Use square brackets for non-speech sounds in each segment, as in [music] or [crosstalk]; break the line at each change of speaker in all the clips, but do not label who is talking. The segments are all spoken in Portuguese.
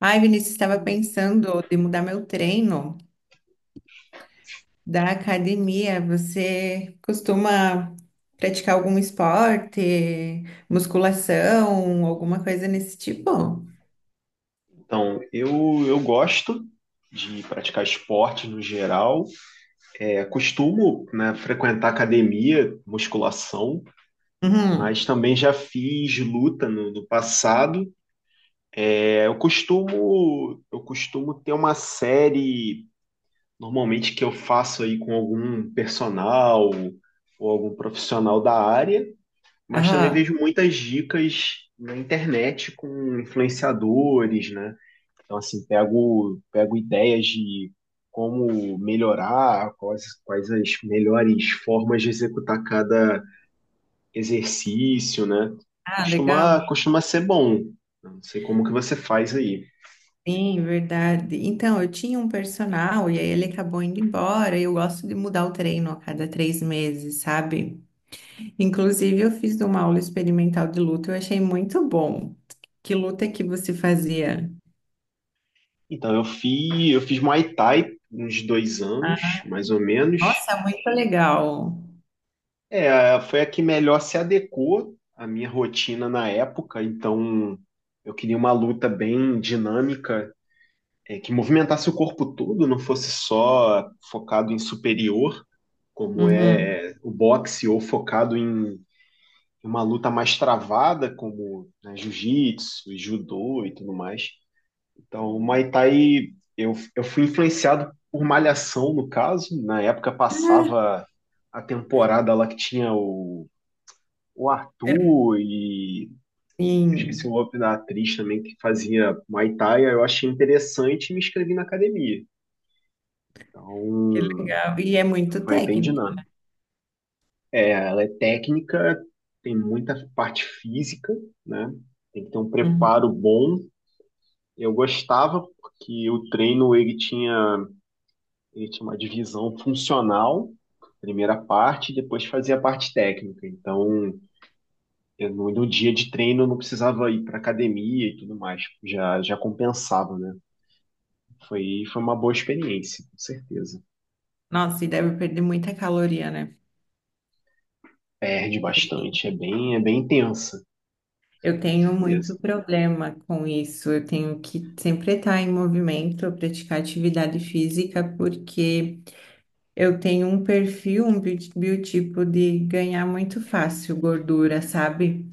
Ai, Vinícius, estava pensando de mudar meu treino da academia. Você costuma praticar algum esporte, musculação, alguma coisa nesse tipo?
Então, eu gosto de praticar esporte no geral. Costumo, né, frequentar academia, musculação, mas
Uhum.
também já fiz luta no passado. Eu costumo ter uma série normalmente que eu faço aí com algum personal ou algum profissional da área, mas também
Ah,
vejo muitas dicas na internet com influenciadores, né? Então, assim, pego ideias de como melhorar, quais as melhores formas de executar cada exercício, né?
Legal.
Costuma ser bom. Não sei como que você faz aí.
Sim, verdade. Então, eu tinha um personal e aí ele acabou indo embora. Eu gosto de mudar o treino a cada três meses, sabe? Inclusive, eu fiz uma aula experimental de luta, eu achei muito bom. Que luta que você fazia?
Então, eu fiz Muay Thai uns dois anos, mais ou menos.
Nossa, muito legal.
Foi a que melhor se adequou à minha rotina na época, então eu queria uma luta bem dinâmica, que movimentasse o corpo todo, não fosse só focado em superior, como
Uhum.
é o boxe, ou focado em uma luta mais travada, como né, jiu-jitsu, e judô e tudo mais. Então, o Muay Thai, eu fui influenciado por Malhação, no caso. Na época
Ah,
passava a temporada lá que tinha o Arthur e eu esqueci o
sim,
nome da atriz também que fazia Muay Thai. Aí eu achei interessante e me inscrevi na academia.
que
Então,
legal. E é muito
foi bem
técnica.
dinâmico. Ela é técnica, tem muita parte física, né? Tem que ter um
Uhum.
preparo bom. Eu gostava porque o treino ele tinha uma divisão funcional, primeira parte, e depois fazia a parte técnica. Então, eu, no dia de treino eu não precisava ir para academia e tudo mais, já compensava, né? Foi uma boa experiência, com certeza.
Nossa, e deve perder muita caloria, né?
Perde bastante, é bem intensa, foi
Eu
com
tenho
certeza,
muito problema com isso. Eu tenho que sempre estar em movimento, praticar atividade física, porque eu tenho um perfil, biotipo de ganhar muito fácil gordura, sabe?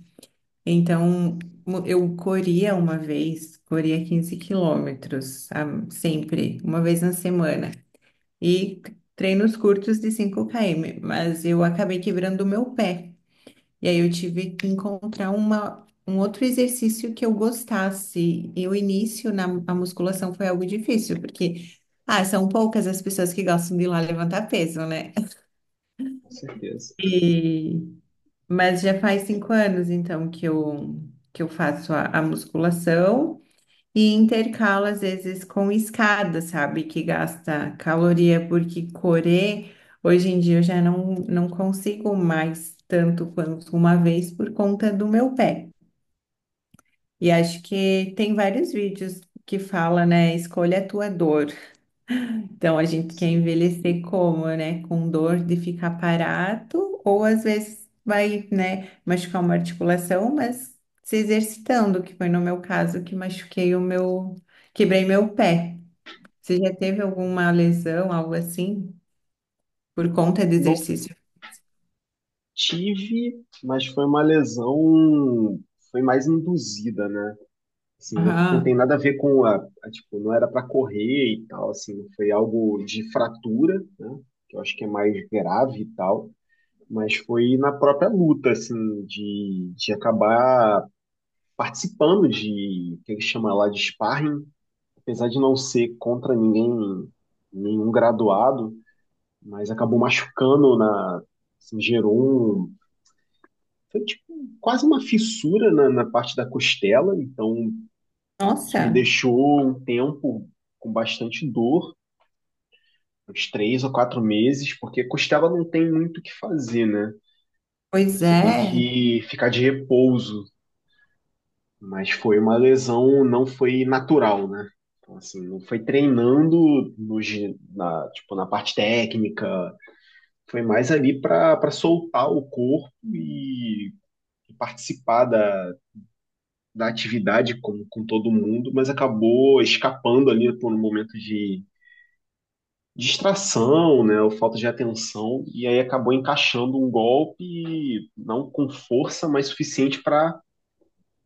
Então, eu corria uma vez, corria 15 quilômetros, sempre, uma vez na semana. E treinos curtos de 5 km, mas eu acabei quebrando o meu pé. E aí eu tive que encontrar um outro exercício que eu gostasse. E o início na a musculação foi algo difícil, porque ah, são poucas as pessoas que gostam de ir lá levantar peso, né?
com certeza.
E- mas já faz 5 anos, então, que eu faço a musculação. E intercala às vezes com escada, sabe? Que gasta caloria, porque correr, hoje em dia eu já não consigo mais tanto quanto uma vez por conta do meu pé. E acho que tem vários vídeos que fala, né? Escolha a tua dor. Então a gente quer
Sim.
envelhecer como, né? Com dor de ficar parado, ou às vezes vai, né, machucar uma articulação, mas se exercitando, que foi no meu caso que quebrei meu pé. Você já teve alguma lesão, algo assim, por conta de
Não
exercício?
tive, mas foi uma lesão, foi mais induzida, né? Assim, não
Aham.
tem nada a ver com tipo, não era para correr e tal, assim, foi algo de fratura, né? Que eu acho que é mais grave e tal, mas foi na própria luta, assim, de acabar participando de, que ele chama lá de sparring, apesar de não ser contra ninguém, nenhum graduado, mas acabou machucando na, assim, gerou um. Foi tipo, quase uma fissura na parte da costela, então isso me
Nossa,
deixou um tempo com bastante dor, uns três ou quatro meses, porque costela não tem muito o que fazer, né?
pois
Você tem
é.
que ficar de repouso, mas foi uma lesão, não foi natural, né? Então, assim, não foi treinando no, na, tipo, na parte técnica, foi mais ali para soltar o corpo e participar da, da atividade com todo mundo, mas acabou escapando ali por um momento de distração, né, ou falta de atenção, e aí acabou encaixando um golpe, não com força, mas suficiente para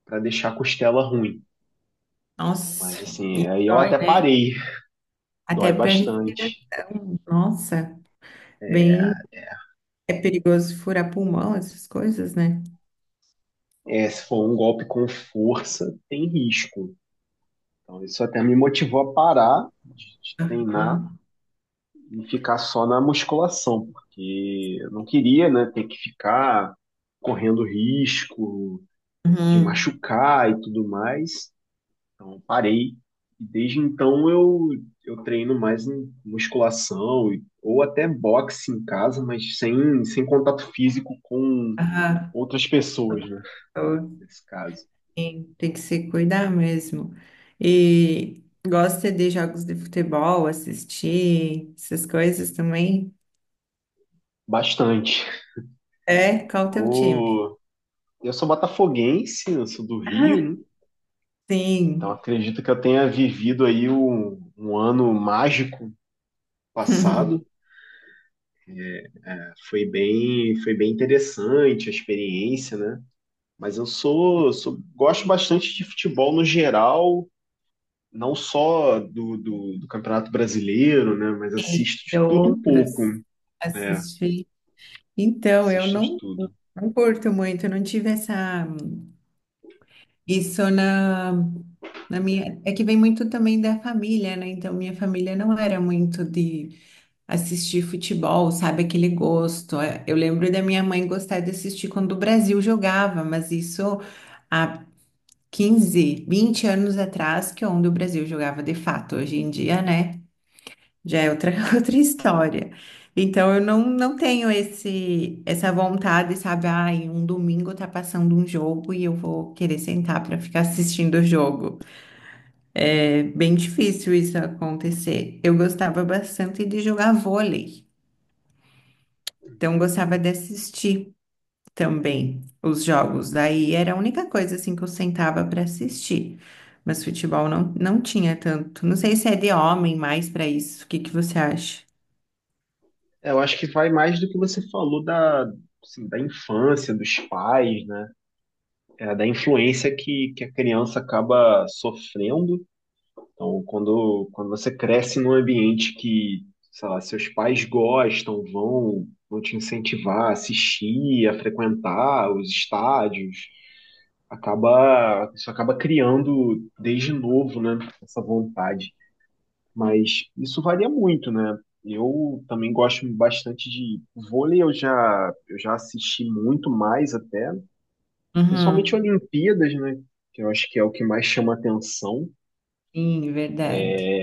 para deixar a costela ruim.
Nossa,
Mas assim,
e
aí eu
dói,
até
né?
parei, dói
Até para
bastante.
respiração. Nossa, bem, é perigoso furar pulmão, essas coisas, né?
É, se for um golpe com força, tem risco. Então isso até me motivou a parar de treinar
Ah,
e ficar só na musculação, porque eu não queria, né, ter que ficar correndo risco de
uhum.
machucar e tudo mais. Então parei. E desde então eu treino mais em musculação e- ou até boxe em casa, mas sem contato físico com
Ah,
outras pessoas, né,
eu-
nesse caso.
sim, tem que se cuidar mesmo. E gosta de jogos de futebol, assistir, essas coisas também?
Bastante.
É, qual o teu time?
Eu, eu sou botafoguense, eu sou do Rio, né?
[laughs]
Então
Sim.
acredito que eu tenha vivido aí um ano mágico
[laughs]
passado. Foi bem interessante a experiência, né? Mas eu sou, sou- gosto bastante de futebol no geral, não só do Campeonato Brasileiro, né? Mas assisto
E
de tudo um
outros
pouco. É,
assistir. Então, eu
assisto de
não,
tudo.
não curto muito, eu não tive essa. Isso na, na minha. É que vem muito também da família, né? Então, minha família não era muito de assistir futebol, sabe? Aquele gosto. É, eu lembro da minha mãe gostar de assistir quando o Brasil jogava, mas isso há 15, 20 anos atrás, que é onde o Brasil jogava de fato. Hoje em dia, né? Já é outra, [laughs] outra história. Então, eu não, não tenho essa vontade, sabe? Ai, um domingo tá passando um jogo e eu vou querer sentar para ficar assistindo o jogo. É bem difícil isso acontecer. Eu gostava bastante de jogar vôlei, então gostava de assistir também os jogos. Daí era a única coisa assim que eu sentava para assistir. Mas futebol não tinha tanto. Não sei se é de homem mais para isso. O que que você acha?
É, eu acho que vai mais do que você falou da, assim, da infância, dos pais, né? É, da influência que a criança acaba sofrendo. Então, quando você cresce num ambiente que, sei lá, seus pais gostam, vão te incentivar a assistir, a frequentar os estádios, acaba, isso acaba criando desde novo, né, essa vontade. Mas isso varia muito, né? Eu também gosto bastante de vôlei, eu já assisti muito mais até, principalmente
Uhum.
Olimpíadas, né? Que eu acho que é o que mais chama atenção.
Sim, verdade.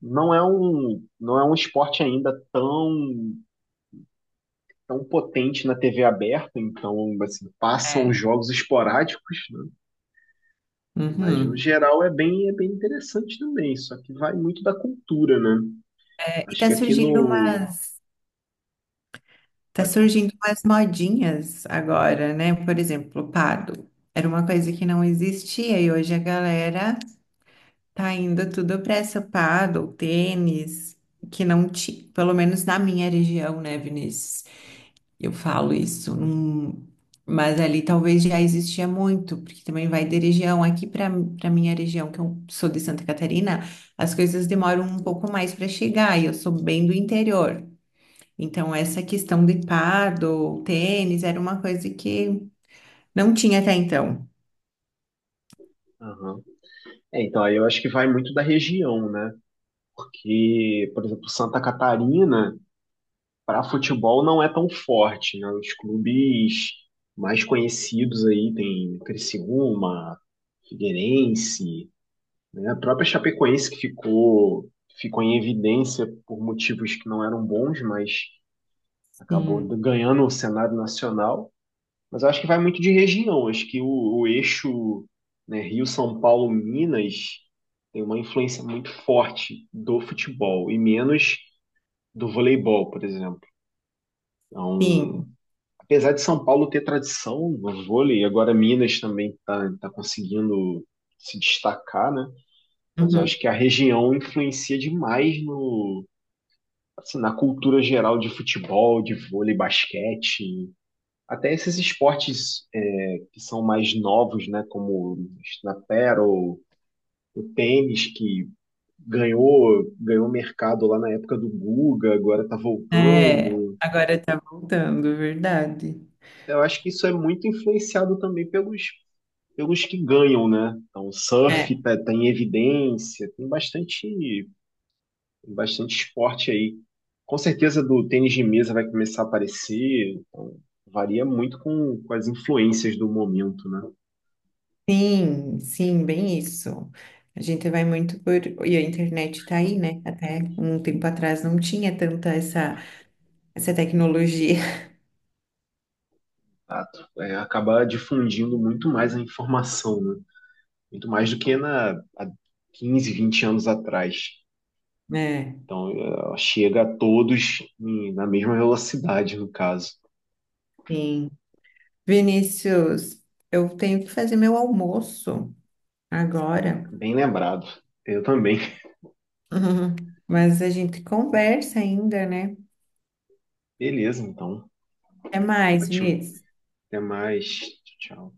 Não é um esporte ainda tão, tão potente na TV aberta, então assim, passam
É.
jogos esporádicos, né? Mas no
Uhum.
geral é bem interessante também, só que vai muito da cultura, né?
É, e
Acho
tá
que aqui
surgindo
no.
umas, tá
Pode falar.
surgindo umas modinhas agora, né? Por exemplo, Pado. Era uma coisa que não existia e hoje a galera tá indo tudo pra essa Pado, tênis, que não tinha, pelo menos na minha região, né, Vinícius? Eu falo isso, mas ali talvez já existia muito, porque também vai de região. Aqui para Para minha região, que eu sou de Santa Catarina, as coisas
Uhum.
demoram um pouco mais para chegar, e eu sou bem do interior. Então, essa questão de pádel, tênis, era uma coisa que não tinha até então.
Aham. É, então, aí eu acho que vai muito da região, né? Porque, por exemplo, Santa Catarina. Para futebol não é tão forte, né? Os clubes mais conhecidos aí tem Criciúma, Figueirense, né? A própria Chapecoense que ficou em evidência por motivos que não eram bons, mas acabou
Sim,
ganhando o cenário nacional. Mas eu acho que vai muito de região. Acho que o eixo, né, Rio, São Paulo, Minas tem uma influência muito forte do futebol e menos do voleibol, por exemplo. Então,
sim.
apesar de São Paulo ter tradição no vôlei, agora Minas também está tá conseguindo se destacar, né? Mas eu
Uhum.
acho que a região influencia demais no, assim, na cultura geral de futebol, de vôlei, basquete, até esses esportes é, que são mais novos, né? Como na paddle, o tênis que ganhou mercado lá na época do Guga, agora está
É,
voltando.
agora tá voltando, verdade.
Eu acho que isso é muito influenciado também pelos que ganham, né? Então, o surf
É.
tá em evidência, tem bastante, bastante esporte aí. Com certeza do tênis de mesa vai começar a aparecer, então, varia muito com as influências do momento, né?
Sim, sim, bem isso. A gente vai muito por. E a internet tá aí, né? Até um tempo atrás não tinha tanta essa tecnologia,
Ah, é, acaba difundindo muito mais a informação, né? Muito mais do que na, há 15, 20 anos atrás.
[laughs] né?
Então, chega a todos em- na mesma velocidade, no caso.
Sim. Vinícius, eu tenho que fazer meu almoço agora.
Bem lembrado. Eu também.
[laughs] Mas a gente conversa ainda, né?
Beleza, então.
Até mais,
Ótimo.
Vinícius.
Até mais. Tchau.